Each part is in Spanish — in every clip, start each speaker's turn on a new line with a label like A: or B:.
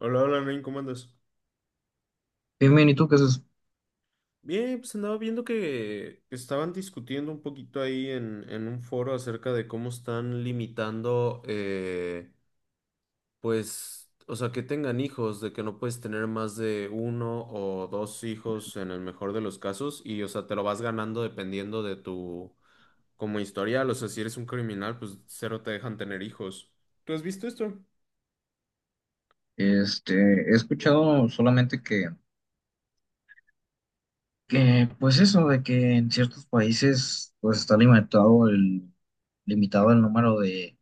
A: Hola, hola, Nain, ¿cómo andas?
B: Bien, bien, ¿y tú qué haces?
A: Bien, pues andaba viendo que estaban discutiendo un poquito ahí en un foro acerca de cómo están limitando, o sea, que tengan hijos, de que no puedes tener más de uno o dos hijos en el mejor de los casos y, o sea, te lo vas ganando dependiendo de tu, como historial, o sea, si eres un criminal, pues cero te dejan tener hijos. ¿Tú has visto esto?
B: He escuchado solamente pues eso, de que en ciertos países, pues está limitado limitado el número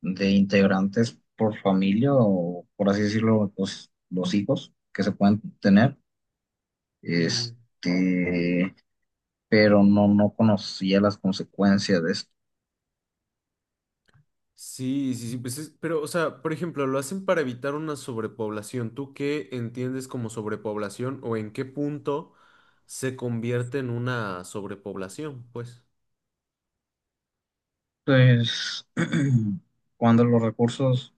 B: de integrantes por familia o, por así decirlo, los hijos que se pueden tener.
A: Ujú.
B: Este, pero no conocía las consecuencias de esto.
A: Sí, sí, sí, pero, o sea, por ejemplo, lo hacen para evitar una sobrepoblación. ¿Tú qué entiendes como sobrepoblación o en qué punto se convierte en una sobrepoblación? Pues,
B: Pues, cuando los recursos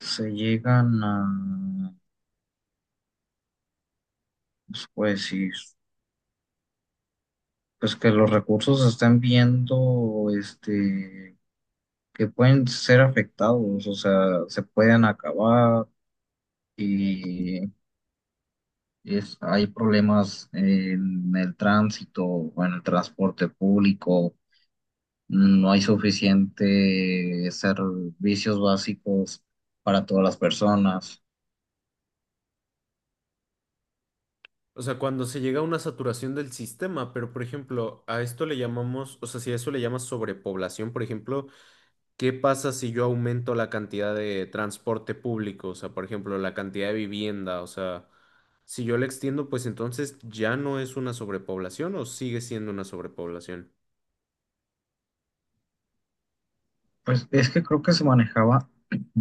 B: se llegan a, pues, ¿puede decir? Pues que los recursos se están viendo, que pueden ser afectados, o sea, se pueden acabar y es, hay problemas en el tránsito o en el transporte público, no hay suficiente servicios básicos para todas las personas.
A: o sea, cuando se llega a una saturación del sistema, pero, por ejemplo, a esto le llamamos, o sea, si a eso le llamas sobrepoblación, por ejemplo, ¿qué pasa si yo aumento la cantidad de transporte público? O sea, por ejemplo, la cantidad de vivienda. O sea, si yo la extiendo, pues entonces ya no es una sobrepoblación o sigue siendo una sobrepoblación.
B: Pues es que creo que se manejaba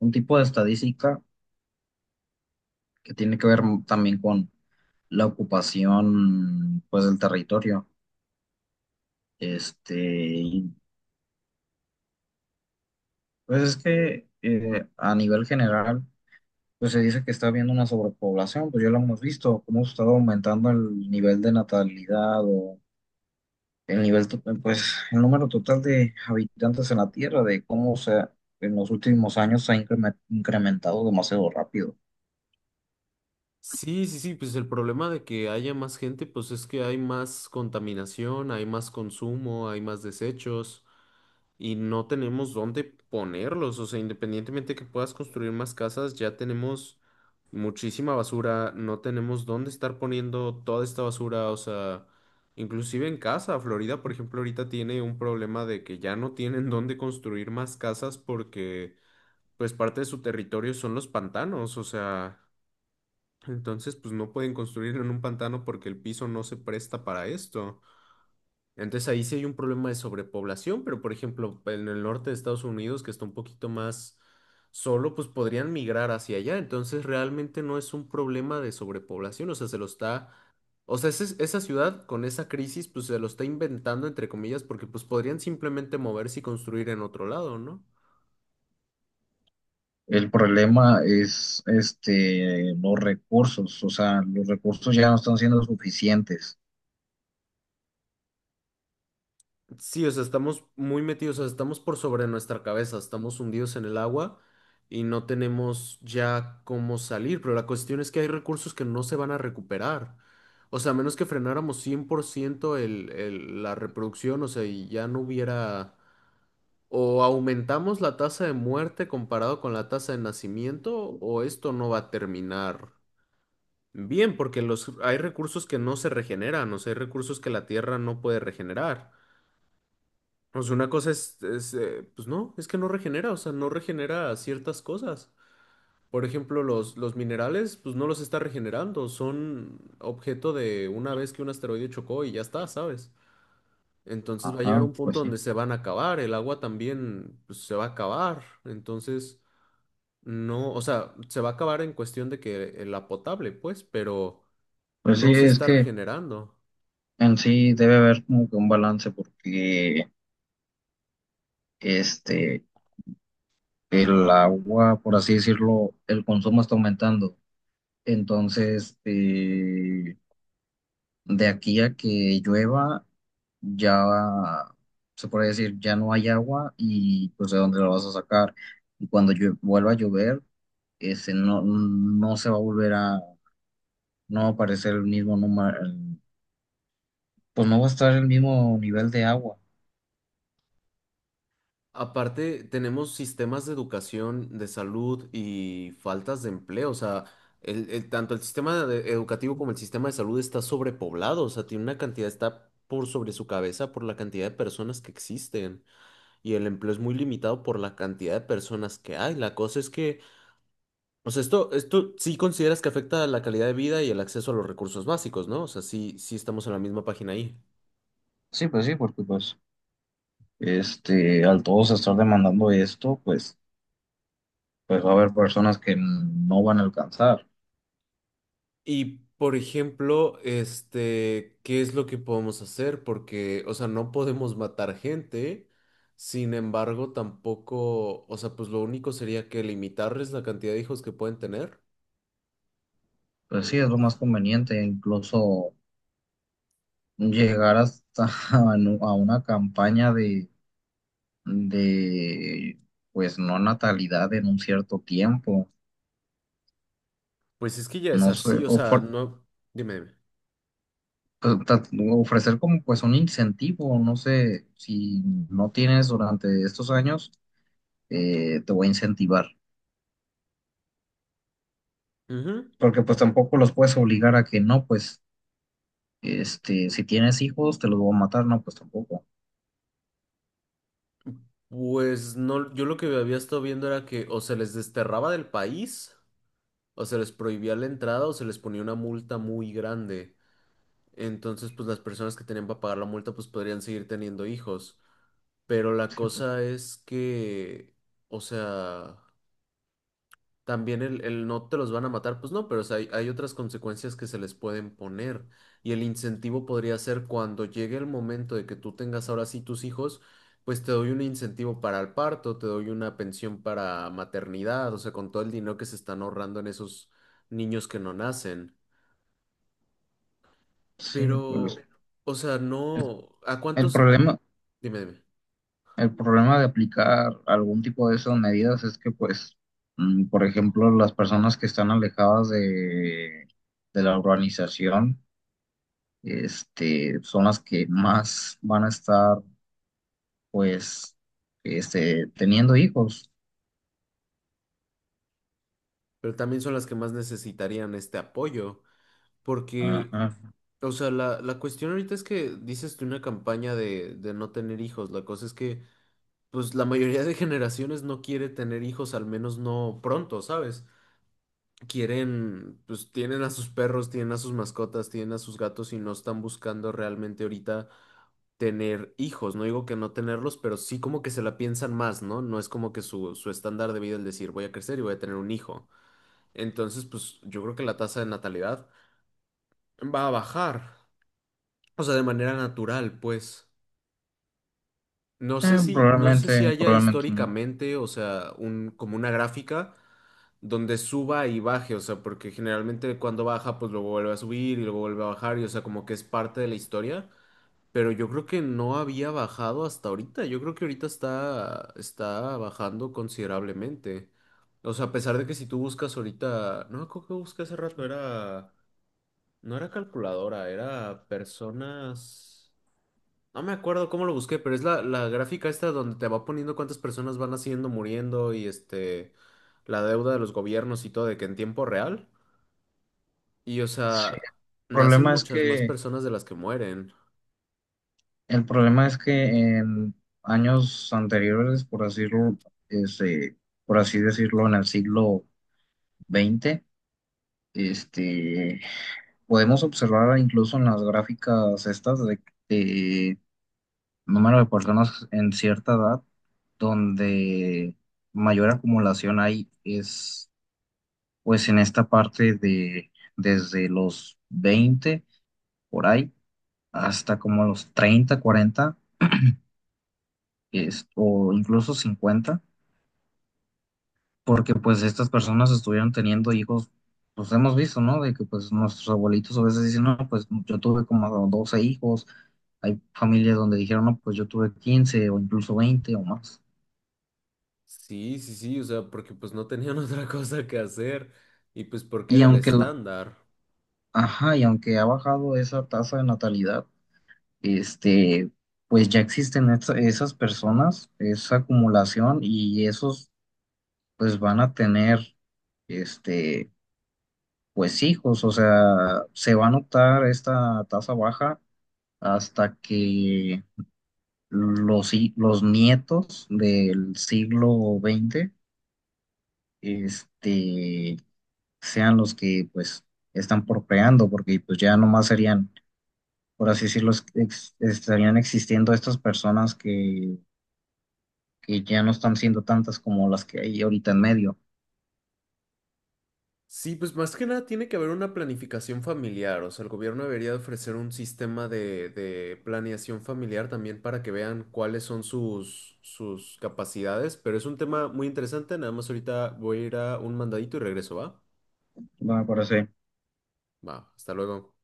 B: un tipo de estadística que tiene que ver también con la ocupación, pues, del territorio. Este, y, pues es que a nivel general, pues se dice que está habiendo una sobrepoblación, pues ya lo hemos visto, cómo ha estado aumentando el nivel de natalidad o el nivel, pues el número total de habitantes en la Tierra, de cómo en los últimos años se ha incrementado demasiado rápido.
A: Sí, sí, sí, pues el problema de que haya más gente, pues es que hay más contaminación, hay más consumo, hay más desechos, y no tenemos dónde ponerlos. O sea, independientemente que puedas construir más casas, ya tenemos muchísima basura, no tenemos dónde estar poniendo toda esta basura. O sea, inclusive en casa, Florida, por ejemplo, ahorita tiene un problema de que ya no tienen dónde construir más casas porque, pues, parte de su territorio son los pantanos. O sea, entonces, pues, no pueden construir en un pantano porque el piso no se presta para esto. Entonces ahí sí hay un problema de sobrepoblación, pero por ejemplo, en el norte de Estados Unidos, que está un poquito más solo, pues podrían migrar hacia allá. Entonces realmente no es un problema de sobrepoblación, o sea, se lo está, o sea, esa ciudad con esa crisis, pues se lo está inventando, entre comillas, porque pues podrían simplemente moverse y construir en otro lado, ¿no?
B: El problema es este, los recursos, o sea, los recursos ya no están siendo suficientes.
A: Sí, o sea, estamos muy metidos, o sea, estamos por sobre nuestra cabeza, estamos hundidos en el agua y no tenemos ya cómo salir, pero la cuestión es que hay recursos que no se van a recuperar. O sea, a menos que frenáramos 100% la reproducción, o sea, y ya no hubiera... O aumentamos la tasa de muerte comparado con la tasa de nacimiento, o esto no va a terminar bien, porque los, hay recursos que no se regeneran, o sea, hay recursos que la Tierra no puede regenerar, pues una cosa es, pues no, es que no regenera, o sea, no regenera ciertas cosas. Por ejemplo, los minerales, pues no los está regenerando, son objeto de una vez que un asteroide chocó y ya está, ¿sabes? Entonces va a llegar
B: Ajá,
A: un
B: pues
A: punto
B: sí.
A: donde se van a acabar, el agua también, pues, se va a acabar, entonces no, o sea, se va a acabar en cuestión de que la potable, pues, pero
B: Pues sí,
A: no se
B: es
A: está
B: que...
A: regenerando.
B: En sí debe haber como que un balance porque este el agua, por así decirlo, el consumo está aumentando. Entonces, de aquí a que llueva, ya se puede decir, ya no hay agua y pues de dónde la vas a sacar. Y cuando vuelva a llover, no se va a volver a, no va a aparecer el mismo número, pues no va a estar el mismo nivel de agua.
A: Aparte, tenemos sistemas de educación, de salud y faltas de empleo. O sea, tanto educativo como el sistema de salud está sobrepoblado. O sea, tiene una cantidad, está por sobre su cabeza por la cantidad de personas que existen. Y el empleo es muy limitado por la cantidad de personas que hay. La cosa es que, o sea, esto sí consideras que afecta a la calidad de vida y el acceso a los recursos básicos, ¿no? O sea, sí, sí estamos en la misma página ahí.
B: Sí, pues sí, porque pues al todos estar demandando esto, pues, pues va a haber personas que no van a alcanzar.
A: Y por ejemplo, este, ¿qué es lo que podemos hacer? Porque, o sea, no podemos matar gente, sin embargo, tampoco, o sea, pues lo único sería que limitarles la cantidad de hijos que pueden tener.
B: Pues sí, es lo más conveniente, incluso llegar hasta a a una campaña de pues, no natalidad en un cierto tiempo.
A: Pues es que ya es
B: No sé,
A: así, o sea, no, dime, dime.
B: pues, ofrecer como pues un incentivo, no sé, si no tienes durante estos años, te voy a incentivar.
A: Ujú.
B: Porque pues tampoco los puedes obligar a que no, pues si tienes hijos, te los voy a matar, no, pues tampoco.
A: Pues no, yo lo que había estado viendo era que o se les desterraba del país, o se les prohibía la entrada, o se les ponía una multa muy grande. Entonces, pues las personas que tenían para pagar la multa, pues podrían seguir teniendo hijos. Pero la cosa es que, o sea, también el no te los van a matar, pues no, pero o sea, hay otras consecuencias que se les pueden poner. Y el incentivo podría ser cuando llegue el momento de que tú tengas ahora sí tus hijos, pues te doy un incentivo para el parto, te doy una pensión para maternidad, o sea, con todo el dinero que se están ahorrando en esos niños que no nacen.
B: Sí,
A: Pero, o sea, no, ¿a
B: el
A: cuántos?
B: problema,
A: Dime, dime.
B: el problema de aplicar algún tipo de esas medidas es que, pues, por ejemplo, las personas que están alejadas de la urbanización, son las que más van a estar, pues, teniendo hijos.
A: Pero también son las que más necesitarían este apoyo. Porque,
B: Ajá.
A: o sea, la cuestión ahorita es que dices tú una campaña de no tener hijos. La cosa es que, pues, la mayoría de generaciones no quiere tener hijos, al menos no pronto, ¿sabes? Quieren, pues, tienen a sus perros, tienen a sus mascotas, tienen a sus gatos y no están buscando realmente ahorita tener hijos. No digo que no tenerlos, pero sí como que se la piensan más, ¿no? No es como que su estándar de vida es decir, voy a crecer y voy a tener un hijo. Entonces, pues, yo creo que la tasa de natalidad va a bajar. O sea, de manera natural, pues. No sé
B: Eh,
A: si, no sé si
B: probablemente,
A: haya
B: probablemente no.
A: históricamente, o sea, un, como una gráfica donde suba y baje, o sea, porque generalmente cuando baja, pues luego vuelve a subir y luego vuelve a bajar, y o sea, como que es parte de la historia. Pero yo creo que no había bajado hasta ahorita. Yo creo que ahorita está, está bajando considerablemente. O sea, a pesar de que si tú buscas ahorita, no, creo que busqué hace rato, era, no era calculadora, era personas. No me acuerdo cómo lo busqué, pero es la gráfica esta donde te va poniendo cuántas personas van haciendo, muriendo y este, la deuda de los gobiernos y todo, de que en tiempo real. Y o
B: Sí, el
A: sea, nacen
B: problema es
A: muchas más
B: que
A: personas de las que mueren.
B: El problema es que en años anteriores, por decirlo, este, por así decirlo, en el siglo XX este, podemos observar incluso en las gráficas estas de número de personas en cierta edad, donde mayor acumulación hay es pues en esta parte de desde los 20 por ahí hasta como los 30, 40 o incluso 50 porque pues estas personas estuvieron teniendo hijos, pues hemos visto, ¿no? De que pues nuestros abuelitos a veces dicen, no, pues yo tuve como 12 hijos, hay familias donde dijeron, no, pues yo tuve 15 o incluso 20 o más.
A: Sí, sí, sí, o sea, porque pues no tenían otra cosa que hacer y pues porque
B: Y
A: era el
B: aunque la,
A: estándar.
B: ajá, y aunque ha bajado esa tasa de natalidad, este, pues ya existen esas personas, esa acumulación y esos pues van a tener, este, pues hijos, o sea, se va a notar esta tasa baja hasta que los nietos del siglo XX este, sean los que pues están procreando, porque pues ya nomás serían, por así decirlo, estarían existiendo estas personas que ya no están siendo tantas como las que hay ahorita en medio.
A: Sí, pues más que nada tiene que haber una planificación familiar, o sea, el gobierno debería de ofrecer un sistema de planeación familiar también para que vean cuáles son sus, sus capacidades, pero es un tema muy interesante, nada más ahorita voy a ir a un mandadito y regreso, ¿va?
B: Bueno, me parece.
A: Va, hasta luego.